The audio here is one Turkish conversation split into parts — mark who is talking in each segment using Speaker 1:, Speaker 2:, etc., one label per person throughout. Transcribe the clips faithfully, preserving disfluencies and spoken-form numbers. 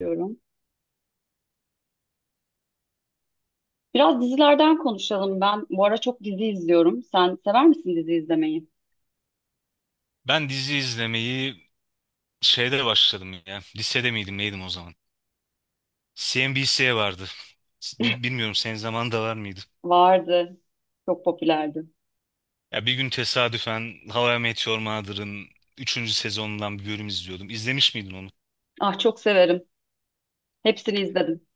Speaker 1: Diyorum. Biraz dizilerden konuşalım. Ben bu ara çok dizi izliyorum. Sen sever misin dizi izlemeyi?
Speaker 2: Ben dizi izlemeyi şeyde başladım ya. Lisede miydim neydim o zaman? C N B C vardı. Bil- bilmiyorum senin zamanında var mıydı?
Speaker 1: Vardı. Çok popülerdi.
Speaker 2: Ya bir gün tesadüfen How I Met Your Mother'ın üçüncü sezonundan bir bölüm izliyordum. İzlemiş miydin onu?
Speaker 1: Ah çok severim. Hepsini izledim.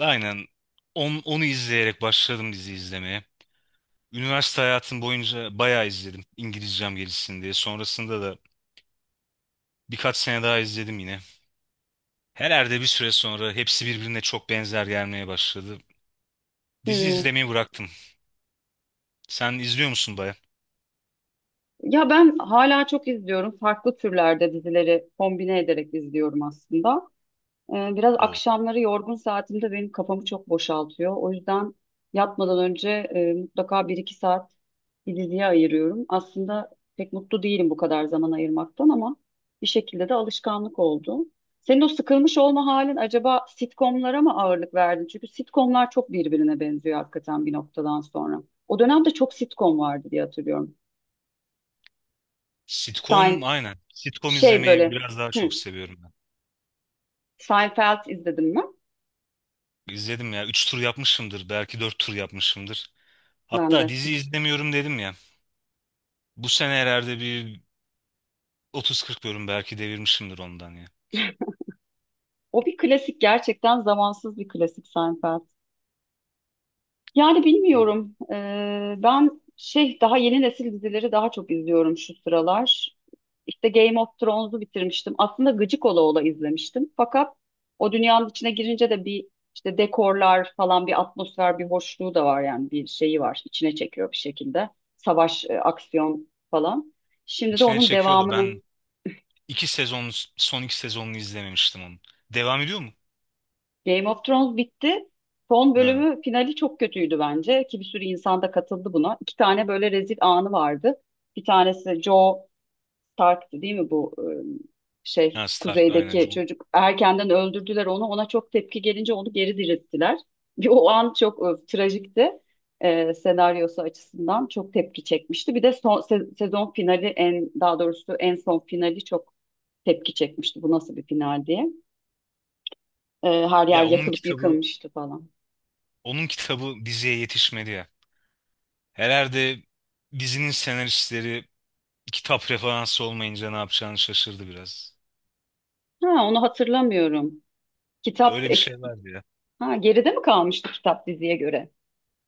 Speaker 2: Aynen. On, onu izleyerek başladım dizi izlemeye. Üniversite hayatım boyunca bayağı izledim. İngilizcem gelişsin diye. Sonrasında da birkaç sene daha izledim yine. Herhalde bir süre sonra hepsi birbirine çok benzer gelmeye başladı. Dizi
Speaker 1: Hmm.
Speaker 2: izlemeyi bıraktım. Sen izliyor musun baya?
Speaker 1: Ya ben hala çok izliyorum. Farklı türlerde dizileri kombine ederek izliyorum aslında. Ee, Biraz
Speaker 2: O.
Speaker 1: akşamları yorgun saatimde benim kafamı çok boşaltıyor. O yüzden yatmadan önce e, mutlaka bir iki saat bir diziye ayırıyorum. Aslında pek mutlu değilim bu kadar zaman ayırmaktan ama bir şekilde de alışkanlık oldu. Senin o sıkılmış olma halin acaba sitcomlara mı ağırlık verdin? Çünkü sitcomlar çok birbirine benziyor hakikaten bir noktadan sonra. O dönemde çok sitcom vardı diye hatırlıyorum.
Speaker 2: Sitcom
Speaker 1: Sein,
Speaker 2: aynen. Sitcom
Speaker 1: şey
Speaker 2: izlemeyi
Speaker 1: böyle,
Speaker 2: biraz daha
Speaker 1: hı,
Speaker 2: çok seviyorum ben.
Speaker 1: Seinfeld izledim mi?
Speaker 2: İzledim ya. Üç tur yapmışımdır. Belki dört tur yapmışımdır.
Speaker 1: Ben
Speaker 2: Hatta
Speaker 1: de.
Speaker 2: dizi izlemiyorum dedim ya. Bu sene herhalde bir otuz kırk bölüm belki devirmişimdir ondan ya.
Speaker 1: O bir klasik, gerçekten zamansız bir klasik Seinfeld. Yani bilmiyorum. Ee, ben şey daha yeni nesil dizileri daha çok izliyorum şu sıralar. İşte Game of Thrones'u bitirmiştim. Aslında gıcık ola ola izlemiştim. Fakat o dünyanın içine girince de bir işte dekorlar falan, bir atmosfer, bir hoşluğu da var yani, bir şeyi var. İçine çekiyor bir şekilde. Savaş, e, aksiyon falan. Şimdi de
Speaker 2: İçine
Speaker 1: onun
Speaker 2: çekiyordu.
Speaker 1: devamını.
Speaker 2: Ben iki sezon, son iki sezonunu izlememiştim onun. Devam ediyor mu?
Speaker 1: Game of Thrones bitti. Son
Speaker 2: Ha,
Speaker 1: bölümü, finali çok kötüydü bence, ki bir sürü insan da katıldı buna. İki tane böyle rezil anı vardı. Bir tanesi Joe Stark'tı değil mi, bu e, şey
Speaker 2: ha, Stark aynen.
Speaker 1: kuzeydeki
Speaker 2: Jon-.
Speaker 1: çocuk, erkenden öldürdüler onu. Ona çok tepki gelince onu geri dirilttiler. Bir o an çok e, trajikti. E, senaryosu açısından çok tepki çekmişti. Bir de son se- sezon finali, en daha doğrusu en son finali çok tepki çekmişti. Bu nasıl bir final diye. E, her
Speaker 2: Ya
Speaker 1: yer
Speaker 2: onun
Speaker 1: yakılıp
Speaker 2: kitabı,
Speaker 1: yıkılmıştı falan.
Speaker 2: onun kitabı diziye yetişmedi ya. Herhalde dizinin senaristleri kitap referansı olmayınca ne yapacağını şaşırdı biraz.
Speaker 1: Ha, onu hatırlamıyorum. Kitap
Speaker 2: Öyle bir
Speaker 1: eks-
Speaker 2: şey vardı ya.
Speaker 1: ha, geride mi kalmıştı kitap diziye göre?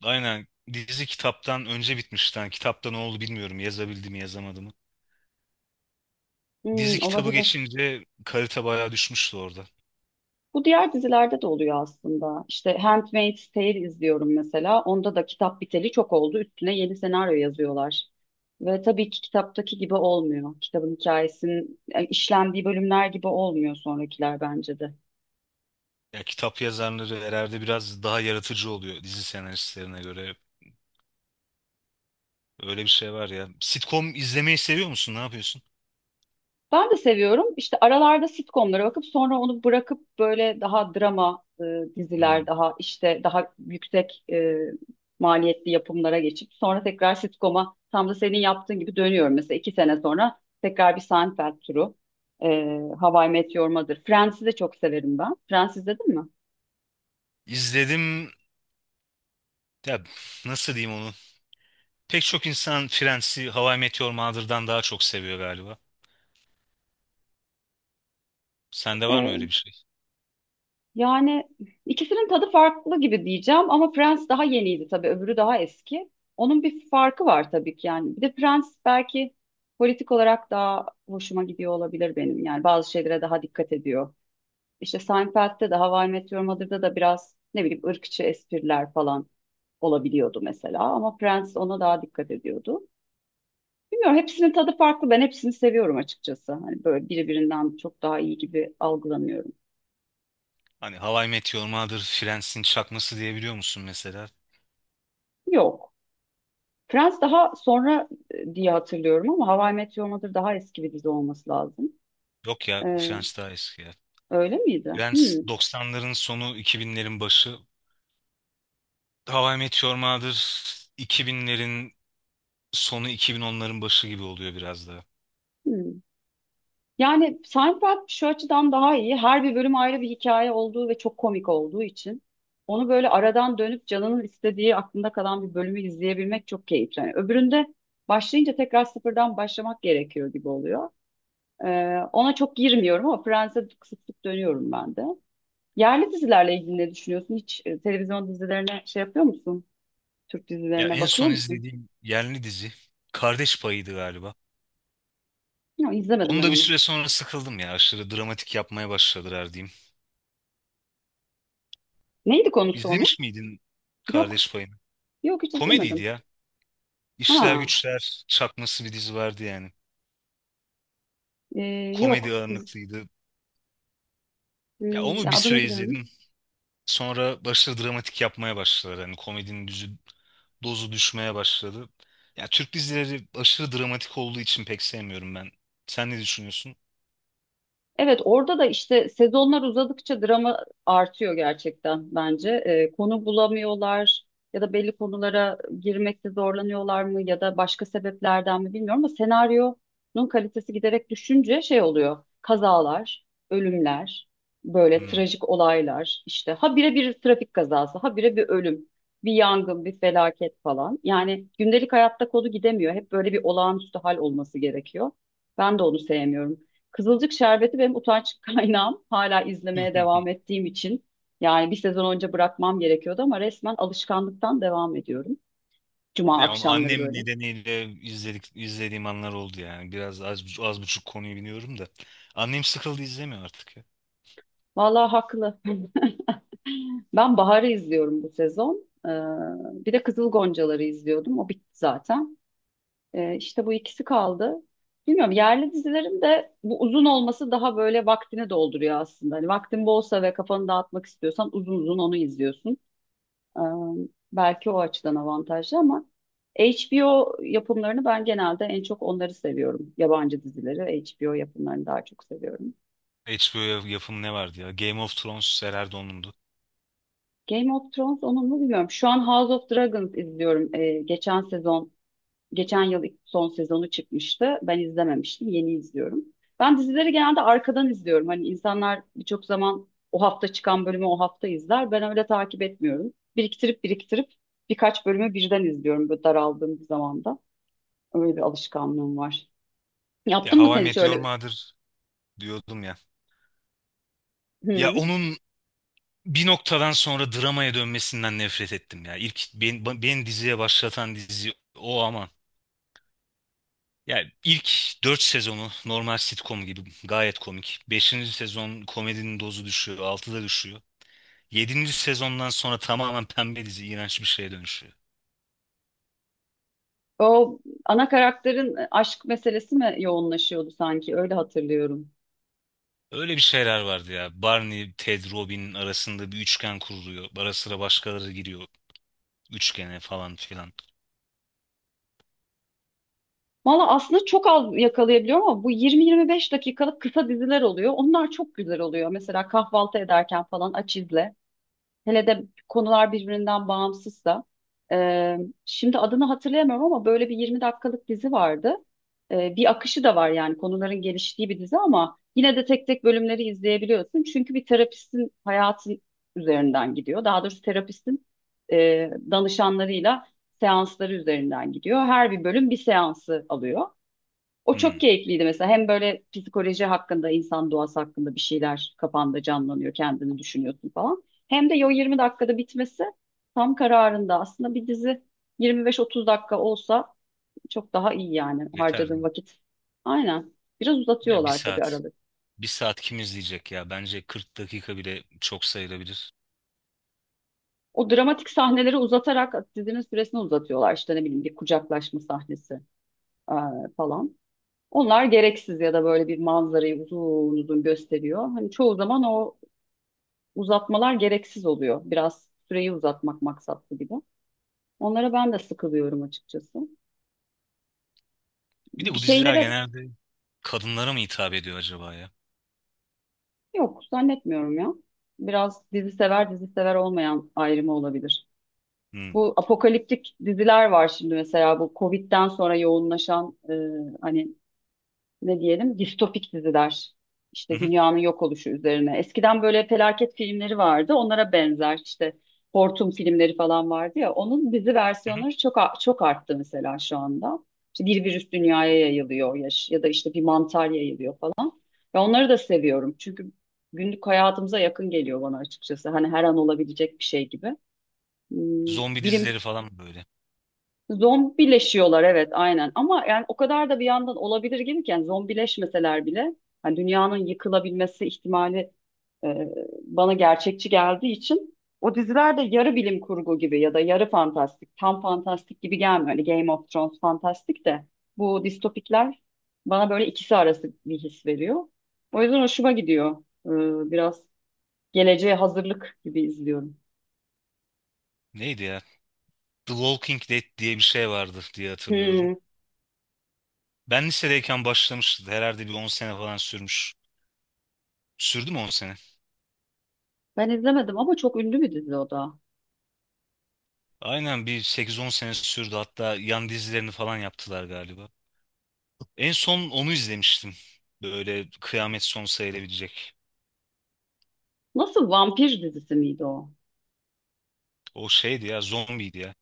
Speaker 2: Aynen, dizi kitaptan önce bitmişti. Yani kitapta ne oldu bilmiyorum. Yazabildi mi yazamadı mı?
Speaker 1: Hmm,
Speaker 2: Dizi kitabı
Speaker 1: olabilir.
Speaker 2: geçince kalite bayağı düşmüştü orada.
Speaker 1: Bu diğer dizilerde de oluyor aslında. İşte Handmaid's Tale izliyorum mesela. Onda da kitap biteli çok oldu. Üstüne yeni senaryo yazıyorlar. Ve tabii ki kitaptaki gibi olmuyor. Kitabın hikayesinin e, işlendiği bölümler gibi olmuyor sonrakiler bence de.
Speaker 2: Ya kitap yazarları herhalde biraz daha yaratıcı oluyor dizi senaristlerine göre. Öyle bir şey var ya. Sitcom izlemeyi seviyor musun? Ne yapıyorsun?
Speaker 1: Ben de seviyorum. İşte aralarda sitcomlara bakıp sonra onu bırakıp böyle daha drama e, diziler,
Speaker 2: Hmm.
Speaker 1: daha işte daha yüksek e, maliyetli yapımlara geçip sonra tekrar sitcom'a tam da senin yaptığın gibi dönüyorum. Mesela iki sene sonra tekrar bir Seinfeld turu, e, How I Met Your Mother. Friends'i de çok severim ben. Friends izledin mi?
Speaker 2: İzledim. Ya, nasıl diyeyim onu? Pek çok insan Friends'i How I Met Your Mother'dan daha çok seviyor galiba. Sende var mı öyle bir şey?
Speaker 1: Yani ikisinin tadı farklı gibi diyeceğim ama Prens daha yeniydi tabii, öbürü daha eski. Onun bir farkı var tabii ki yani. Bir de Prens belki politik olarak daha hoşuma gidiyor olabilir benim. Yani bazı şeylere daha dikkat ediyor. İşte Seinfeld'de de How I Met Your Mother'da da biraz ne bileyim ırkçı espriler falan olabiliyordu mesela. Ama Prens ona daha dikkat ediyordu. Bilmiyorum, hepsinin tadı farklı. Ben hepsini seviyorum açıkçası. Hani böyle biri birinden çok daha iyi gibi algılamıyorum.
Speaker 2: Hani How I Met Your Mother, Friends'in çakması diyebiliyor musun mesela?
Speaker 1: Yok. Friends daha sonra e, diye hatırlıyorum ama How I Met Your Mother daha eski bir dizi olması lazım.
Speaker 2: Yok ya,
Speaker 1: Ee,
Speaker 2: Friends daha eski ya.
Speaker 1: Öyle miydi?
Speaker 2: Friends
Speaker 1: Hmm,
Speaker 2: doksanların sonu, iki binlerin başı. How I Met Your Mother iki binlerin sonu, iki bin onların başı gibi oluyor biraz daha.
Speaker 1: hmm. Yani Seinfeld şu açıdan daha iyi. Her bir bölüm ayrı bir hikaye olduğu ve çok komik olduğu için onu böyle aradan dönüp canının istediği, aklında kalan bir bölümü izleyebilmek çok keyifli. Yani öbüründe başlayınca tekrar sıfırdan başlamak gerekiyor gibi oluyor. Ee, ona çok girmiyorum ama Friends'e sık sık dönüyorum ben de. Yerli dizilerle ilgili ne düşünüyorsun? Hiç e, televizyon dizilerine şey yapıyor musun? Türk
Speaker 2: Ya
Speaker 1: dizilerine
Speaker 2: en
Speaker 1: bakıyor
Speaker 2: son
Speaker 1: musun?
Speaker 2: izlediğim yerli dizi Kardeş Payı'ydı galiba.
Speaker 1: Ya izlemedim
Speaker 2: Onu
Speaker 1: ben
Speaker 2: da bir
Speaker 1: onu.
Speaker 2: süre sonra sıkıldım ya. Aşırı dramatik yapmaya başladılar diyeyim.
Speaker 1: Neydi konusu onun?
Speaker 2: İzlemiş miydin
Speaker 1: Yok.
Speaker 2: Kardeş Payı'nı?
Speaker 1: Yok, hiç
Speaker 2: Komediydi
Speaker 1: izlemedim.
Speaker 2: ya. İşler
Speaker 1: Ha.
Speaker 2: Güçler çakması bir dizi vardı yani.
Speaker 1: e,
Speaker 2: Komedi
Speaker 1: Yok. İz,
Speaker 2: ağırlıklıydı. Ya
Speaker 1: Hmm,
Speaker 2: onu
Speaker 1: ya
Speaker 2: bir süre
Speaker 1: adını biliyorum.
Speaker 2: izledim. Sonra başladı, dramatik yapmaya başladılar. Hani komedinin düzü, dozu düşmeye başladı. Ya, Türk dizileri aşırı dramatik olduğu için pek sevmiyorum ben. Sen ne düşünüyorsun?
Speaker 1: Evet, orada da işte sezonlar uzadıkça drama artıyor gerçekten bence. Ee, konu bulamıyorlar ya da belli konulara girmekte zorlanıyorlar mı ya da başka sebeplerden mi bilmiyorum ama senaryonun kalitesi giderek düşünce şey oluyor. Kazalar, ölümler, böyle
Speaker 2: Hmm.
Speaker 1: trajik olaylar, işte ha bire bir trafik kazası, ha bire bir ölüm, bir yangın, bir felaket falan. Yani gündelik hayatta konu gidemiyor. Hep böyle bir olağanüstü hal olması gerekiyor. Ben de onu sevmiyorum. Kızılcık Şerbeti benim utanç kaynağım, hala izlemeye devam ettiğim için. Yani bir sezon önce bırakmam gerekiyordu ama resmen alışkanlıktan devam ediyorum. Cuma
Speaker 2: Ya onu
Speaker 1: akşamları
Speaker 2: annem
Speaker 1: böyle.
Speaker 2: nedeniyle izledik izlediğim anlar oldu yani. Biraz az, bu- az buçuk konuyu biliyorum da. Annem sıkıldı, izlemiyor artık ya.
Speaker 1: Vallahi haklı. Ben Bahar'ı izliyorum bu sezon. Ee, bir de Kızıl Goncaları izliyordum. O bitti zaten. Ee, işte bu ikisi kaldı. Bilmiyorum, yerli dizilerin de bu uzun olması daha böyle vaktini dolduruyor aslında. Hani vaktin bolsa ve kafanı dağıtmak istiyorsan uzun uzun onu izliyorsun. Ee, Belki o açıdan avantajlı ama H B O yapımlarını ben genelde, en çok onları seviyorum. Yabancı dizileri, H B O yapımlarını daha çok seviyorum.
Speaker 2: H B O yapımı ne vardı ya? Game of Thrones Sera Erdon'undu.
Speaker 1: Game of Thrones onun mu bilmiyorum. Şu an House of Dragons izliyorum. Ee, geçen sezon, geçen yıl ilk son sezonu çıkmıştı. Ben izlememiştim, yeni izliyorum. Ben dizileri genelde arkadan izliyorum. Hani insanlar birçok zaman o hafta çıkan bölümü o hafta izler. Ben öyle takip etmiyorum. Biriktirip biriktirip birkaç bölümü birden izliyorum böyle daraldığım bir zamanda. Öyle bir alışkanlığım var.
Speaker 2: Ya
Speaker 1: Yaptın mı
Speaker 2: How I
Speaker 1: sen hiç
Speaker 2: Met Your
Speaker 1: öyle?
Speaker 2: Mother diyordum ya. Ya
Speaker 1: Hı.
Speaker 2: onun bir noktadan sonra dramaya dönmesinden nefret ettim ya. İlk ben- beni, diziye başlatan dizi o ama. Yani ilk dört sezonu normal sitcom gibi gayet komik. Beşinci sezon komedinin dozu düşüyor, altıda düşüyor. Yedinci sezondan sonra tamamen pembe dizi, iğrenç bir şeye dönüşüyor.
Speaker 1: O ana karakterin e, aşk meselesi mi yoğunlaşıyordu sanki? Öyle hatırlıyorum.
Speaker 2: Öyle bir şeyler vardı ya. Barney, Ted, Robin arasında bir üçgen kuruluyor. Ara sıra başkaları giriyor üçgene falan filan.
Speaker 1: Valla aslında çok az yakalayabiliyorum ama bu yirmi yirmi beş dakikalık kısa diziler oluyor. Onlar çok güzel oluyor. Mesela kahvaltı ederken falan aç izle. Hele de konular birbirinden bağımsızsa. Ee, Şimdi adını hatırlayamıyorum ama böyle bir yirmi dakikalık dizi vardı. Ee, bir akışı da var yani, konuların geliştiği bir dizi ama yine de tek tek bölümleri izleyebiliyorsun. Çünkü bir terapistin hayatı üzerinden gidiyor. Daha doğrusu terapistin e, danışanlarıyla seansları üzerinden gidiyor. Her bir bölüm bir seansı alıyor. O çok
Speaker 2: Hmm,
Speaker 1: keyifliydi mesela. Hem böyle psikoloji hakkında, insan doğası hakkında bir şeyler kafanda canlanıyor, kendini düşünüyorsun falan. Hem de o yirmi dakikada bitmesi tam kararında. Aslında bir dizi yirmi beş otuz dakika olsa çok daha iyi yani,
Speaker 2: yeter.
Speaker 1: harcadığın vakit. Aynen. Biraz
Speaker 2: Ya bir
Speaker 1: uzatıyorlar tabii
Speaker 2: saat.
Speaker 1: aralık.
Speaker 2: Bir saat kim izleyecek ya? Bence kırk dakika bile çok sayılabilir.
Speaker 1: O dramatik sahneleri uzatarak dizinin süresini uzatıyorlar. İşte ne bileyim bir kucaklaşma sahnesi eee, falan. Onlar gereksiz ya da böyle bir manzarayı uzun uzun gösteriyor. Hani çoğu zaman o uzatmalar gereksiz oluyor. Biraz süreyi uzatmak maksatlı gibi. Onlara ben de sıkılıyorum açıkçası.
Speaker 2: Bir de
Speaker 1: Bir
Speaker 2: bu diziler
Speaker 1: şeylere.
Speaker 2: genelde kadınlara mı hitap ediyor acaba ya?
Speaker 1: Yok, zannetmiyorum ya. Biraz dizi sever dizi sever olmayan ayrımı olabilir.
Speaker 2: Hmm.
Speaker 1: Bu apokaliptik diziler var şimdi mesela, bu Covid'den sonra yoğunlaşan e, hani ne diyelim distopik diziler. İşte
Speaker 2: Hı hı,
Speaker 1: dünyanın yok oluşu üzerine. Eskiden böyle felaket filmleri vardı. Onlara benzer işte hortum filmleri falan vardı ya. Onun dizi
Speaker 2: hı hı.
Speaker 1: versiyonları çok a- çok arttı mesela şu anda. İşte bir virüs dünyaya yayılıyor ya, ya da işte bir mantar yayılıyor falan. Ve onları da seviyorum. Çünkü günlük hayatımıza yakın geliyor bana açıkçası. Hani her an olabilecek bir şey gibi. Hmm.
Speaker 2: Zombi
Speaker 1: Bilim
Speaker 2: dizileri falan böyle.
Speaker 1: Zombileşiyorlar, evet aynen ama yani o kadar da bir yandan olabilir gibi ki, yani zombileşmeseler bile hani dünyanın yıkılabilmesi ihtimali e, bana gerçekçi geldiği için o diziler de yarı bilim kurgu gibi ya da yarı fantastik, tam fantastik gibi gelmiyor. Hani Game of Thrones fantastik de bu distopikler bana böyle ikisi arası bir his veriyor. O yüzden hoşuma gidiyor. Ee, biraz geleceğe hazırlık gibi izliyorum.
Speaker 2: Neydi ya? The Walking Dead diye bir şey vardı diye hatırlıyorum.
Speaker 1: Hmm.
Speaker 2: Ben lisedeyken başlamıştı. Herhalde bir on sene falan sürmüş. Sürdü mü on sene?
Speaker 1: Ben izlemedim ama çok ünlü bir dizi o da.
Speaker 2: Aynen, bir sekiz on sene sürdü. Hatta yan dizilerini falan yaptılar galiba. En son onu izlemiştim. Böyle kıyamet sonu sayılabilecek.
Speaker 1: Nasıl, vampir dizisi miydi o?
Speaker 2: O şeydi ya, zombiydi ya.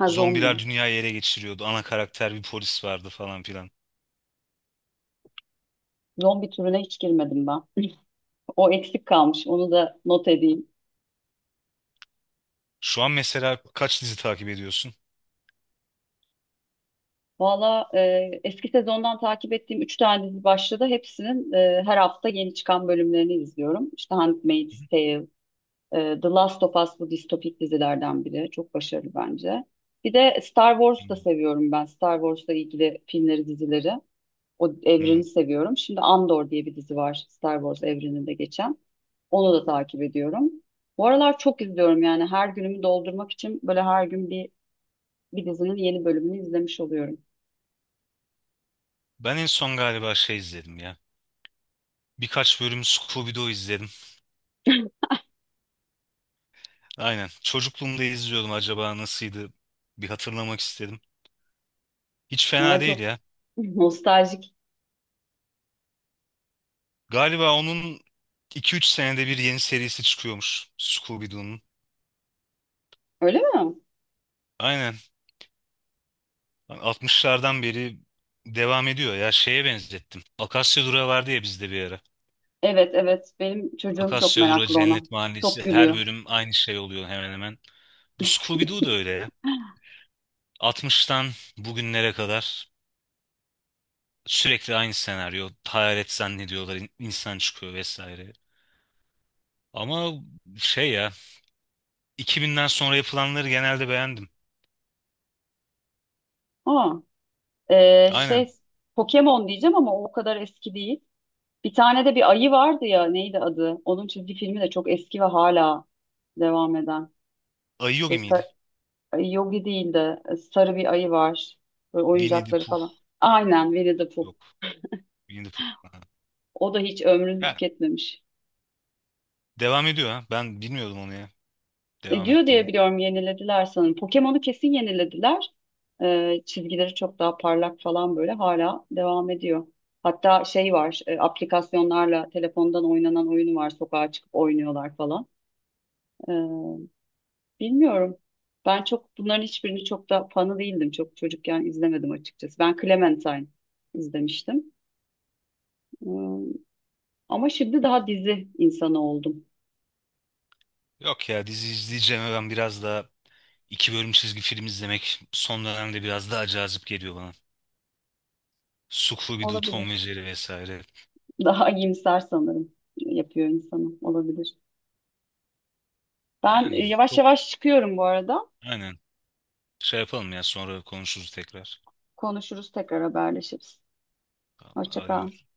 Speaker 1: Ha, zombi.
Speaker 2: Zombiler dünyayı ele geçiriyordu. Ana karakter bir polis vardı falan filan.
Speaker 1: Zombi türüne hiç girmedim ben. O eksik kalmış. Onu da not edeyim.
Speaker 2: Şu an mesela kaç dizi takip ediyorsun?
Speaker 1: Valla e, eski sezondan takip ettiğim üç tane dizi başladı. Hepsinin e, her hafta yeni çıkan bölümlerini izliyorum. İşte Handmaid's Tale, e, The Last of Us, bu distopik dizilerden biri. Çok başarılı bence. Bir de Star Wars da
Speaker 2: Hmm.
Speaker 1: seviyorum ben. Star Wars'la ilgili filmleri, dizileri. O
Speaker 2: Hmm.
Speaker 1: evreni seviyorum. Şimdi Andor diye bir dizi var Star Wars evreninde geçen. Onu da takip ediyorum. Bu aralar çok izliyorum yani, her günümü doldurmak için böyle her gün bir, bir dizinin yeni bölümünü izlemiş oluyorum.
Speaker 2: Ben en son galiba şey izledim ya. Birkaç bölüm Scooby-Doo izledim. Aynen. Çocukluğumda izliyordum, acaba nasıldı? Bir hatırlamak istedim. Hiç fena
Speaker 1: Ama
Speaker 2: değil
Speaker 1: çok
Speaker 2: ya.
Speaker 1: nostaljik.
Speaker 2: Galiba onun iki üç senede bir yeni serisi çıkıyormuş Scooby-Doo'nun.
Speaker 1: Öyle mi?
Speaker 2: Aynen. Altmışlardan beri devam ediyor ya. Şeye benzettim. Akasya Durağı vardı ya bizde bir ara.
Speaker 1: Evet, evet, benim çocuğum çok
Speaker 2: Akasya Durağı
Speaker 1: meraklı ona.
Speaker 2: Cennet
Speaker 1: Çok
Speaker 2: Mahallesi her
Speaker 1: gülüyor.
Speaker 2: bölüm aynı şey oluyor hemen hemen. Bu Scooby-Doo da öyle ya. altmıştan bugünlere kadar sürekli aynı senaryo. Hayalet zannediyorlar, in- insan çıkıyor vesaire. Ama şey ya, iki binden sonra yapılanları genelde beğendim.
Speaker 1: Aa, e, şey
Speaker 2: Aynen.
Speaker 1: Pokemon diyeceğim ama o kadar eski değil. Bir tane de bir ayı vardı ya, neydi adı? Onun çizgi filmi de çok eski ve hala devam eden.
Speaker 2: Ayı Yogi miydi?
Speaker 1: Ay, Yogi değil de e, sarı bir ayı var. Böyle
Speaker 2: Winnie the
Speaker 1: oyuncakları
Speaker 2: Pooh.
Speaker 1: falan. Aynen, Winnie the Pooh.
Speaker 2: Yok. Winnie the Pooh. Aha.
Speaker 1: O da hiç ömrünü
Speaker 2: Ya,
Speaker 1: tüketmemiş.
Speaker 2: devam ediyor ha. Ben bilmiyordum onu ya.
Speaker 1: E,
Speaker 2: Devam
Speaker 1: diyor diye
Speaker 2: ettiğini.
Speaker 1: biliyorum, yenilediler sanırım. Pokemon'u kesin yenilediler. E, çizgileri çok daha parlak falan, böyle hala devam ediyor. Hatta şey var, e, aplikasyonlarla telefondan oynanan oyunu var. Sokağa çıkıp oynuyorlar falan. E, Bilmiyorum. Ben çok bunların hiçbirini, çok da fanı değildim. Çok çocukken izlemedim açıkçası. Ben Clementine izlemiştim. Ama şimdi daha dizi insanı oldum.
Speaker 2: Yok ya, dizi izleyeceğime ben biraz daha iki bölüm çizgi film izlemek son dönemde biraz daha cazip geliyor bana. Suklu bir Tom ve
Speaker 1: Olabilir.
Speaker 2: Jerry vesaire.
Speaker 1: Daha iyimser sanırım yapıyor insanı. Olabilir. Ben
Speaker 2: Yani
Speaker 1: e, yavaş
Speaker 2: çok
Speaker 1: yavaş çıkıyorum bu arada.
Speaker 2: aynen şey yapalım ya, sonra konuşuruz tekrar.
Speaker 1: Konuşuruz tekrar, haberleşiriz.
Speaker 2: Tamam,
Speaker 1: Hoşça kal.
Speaker 2: arıyorum.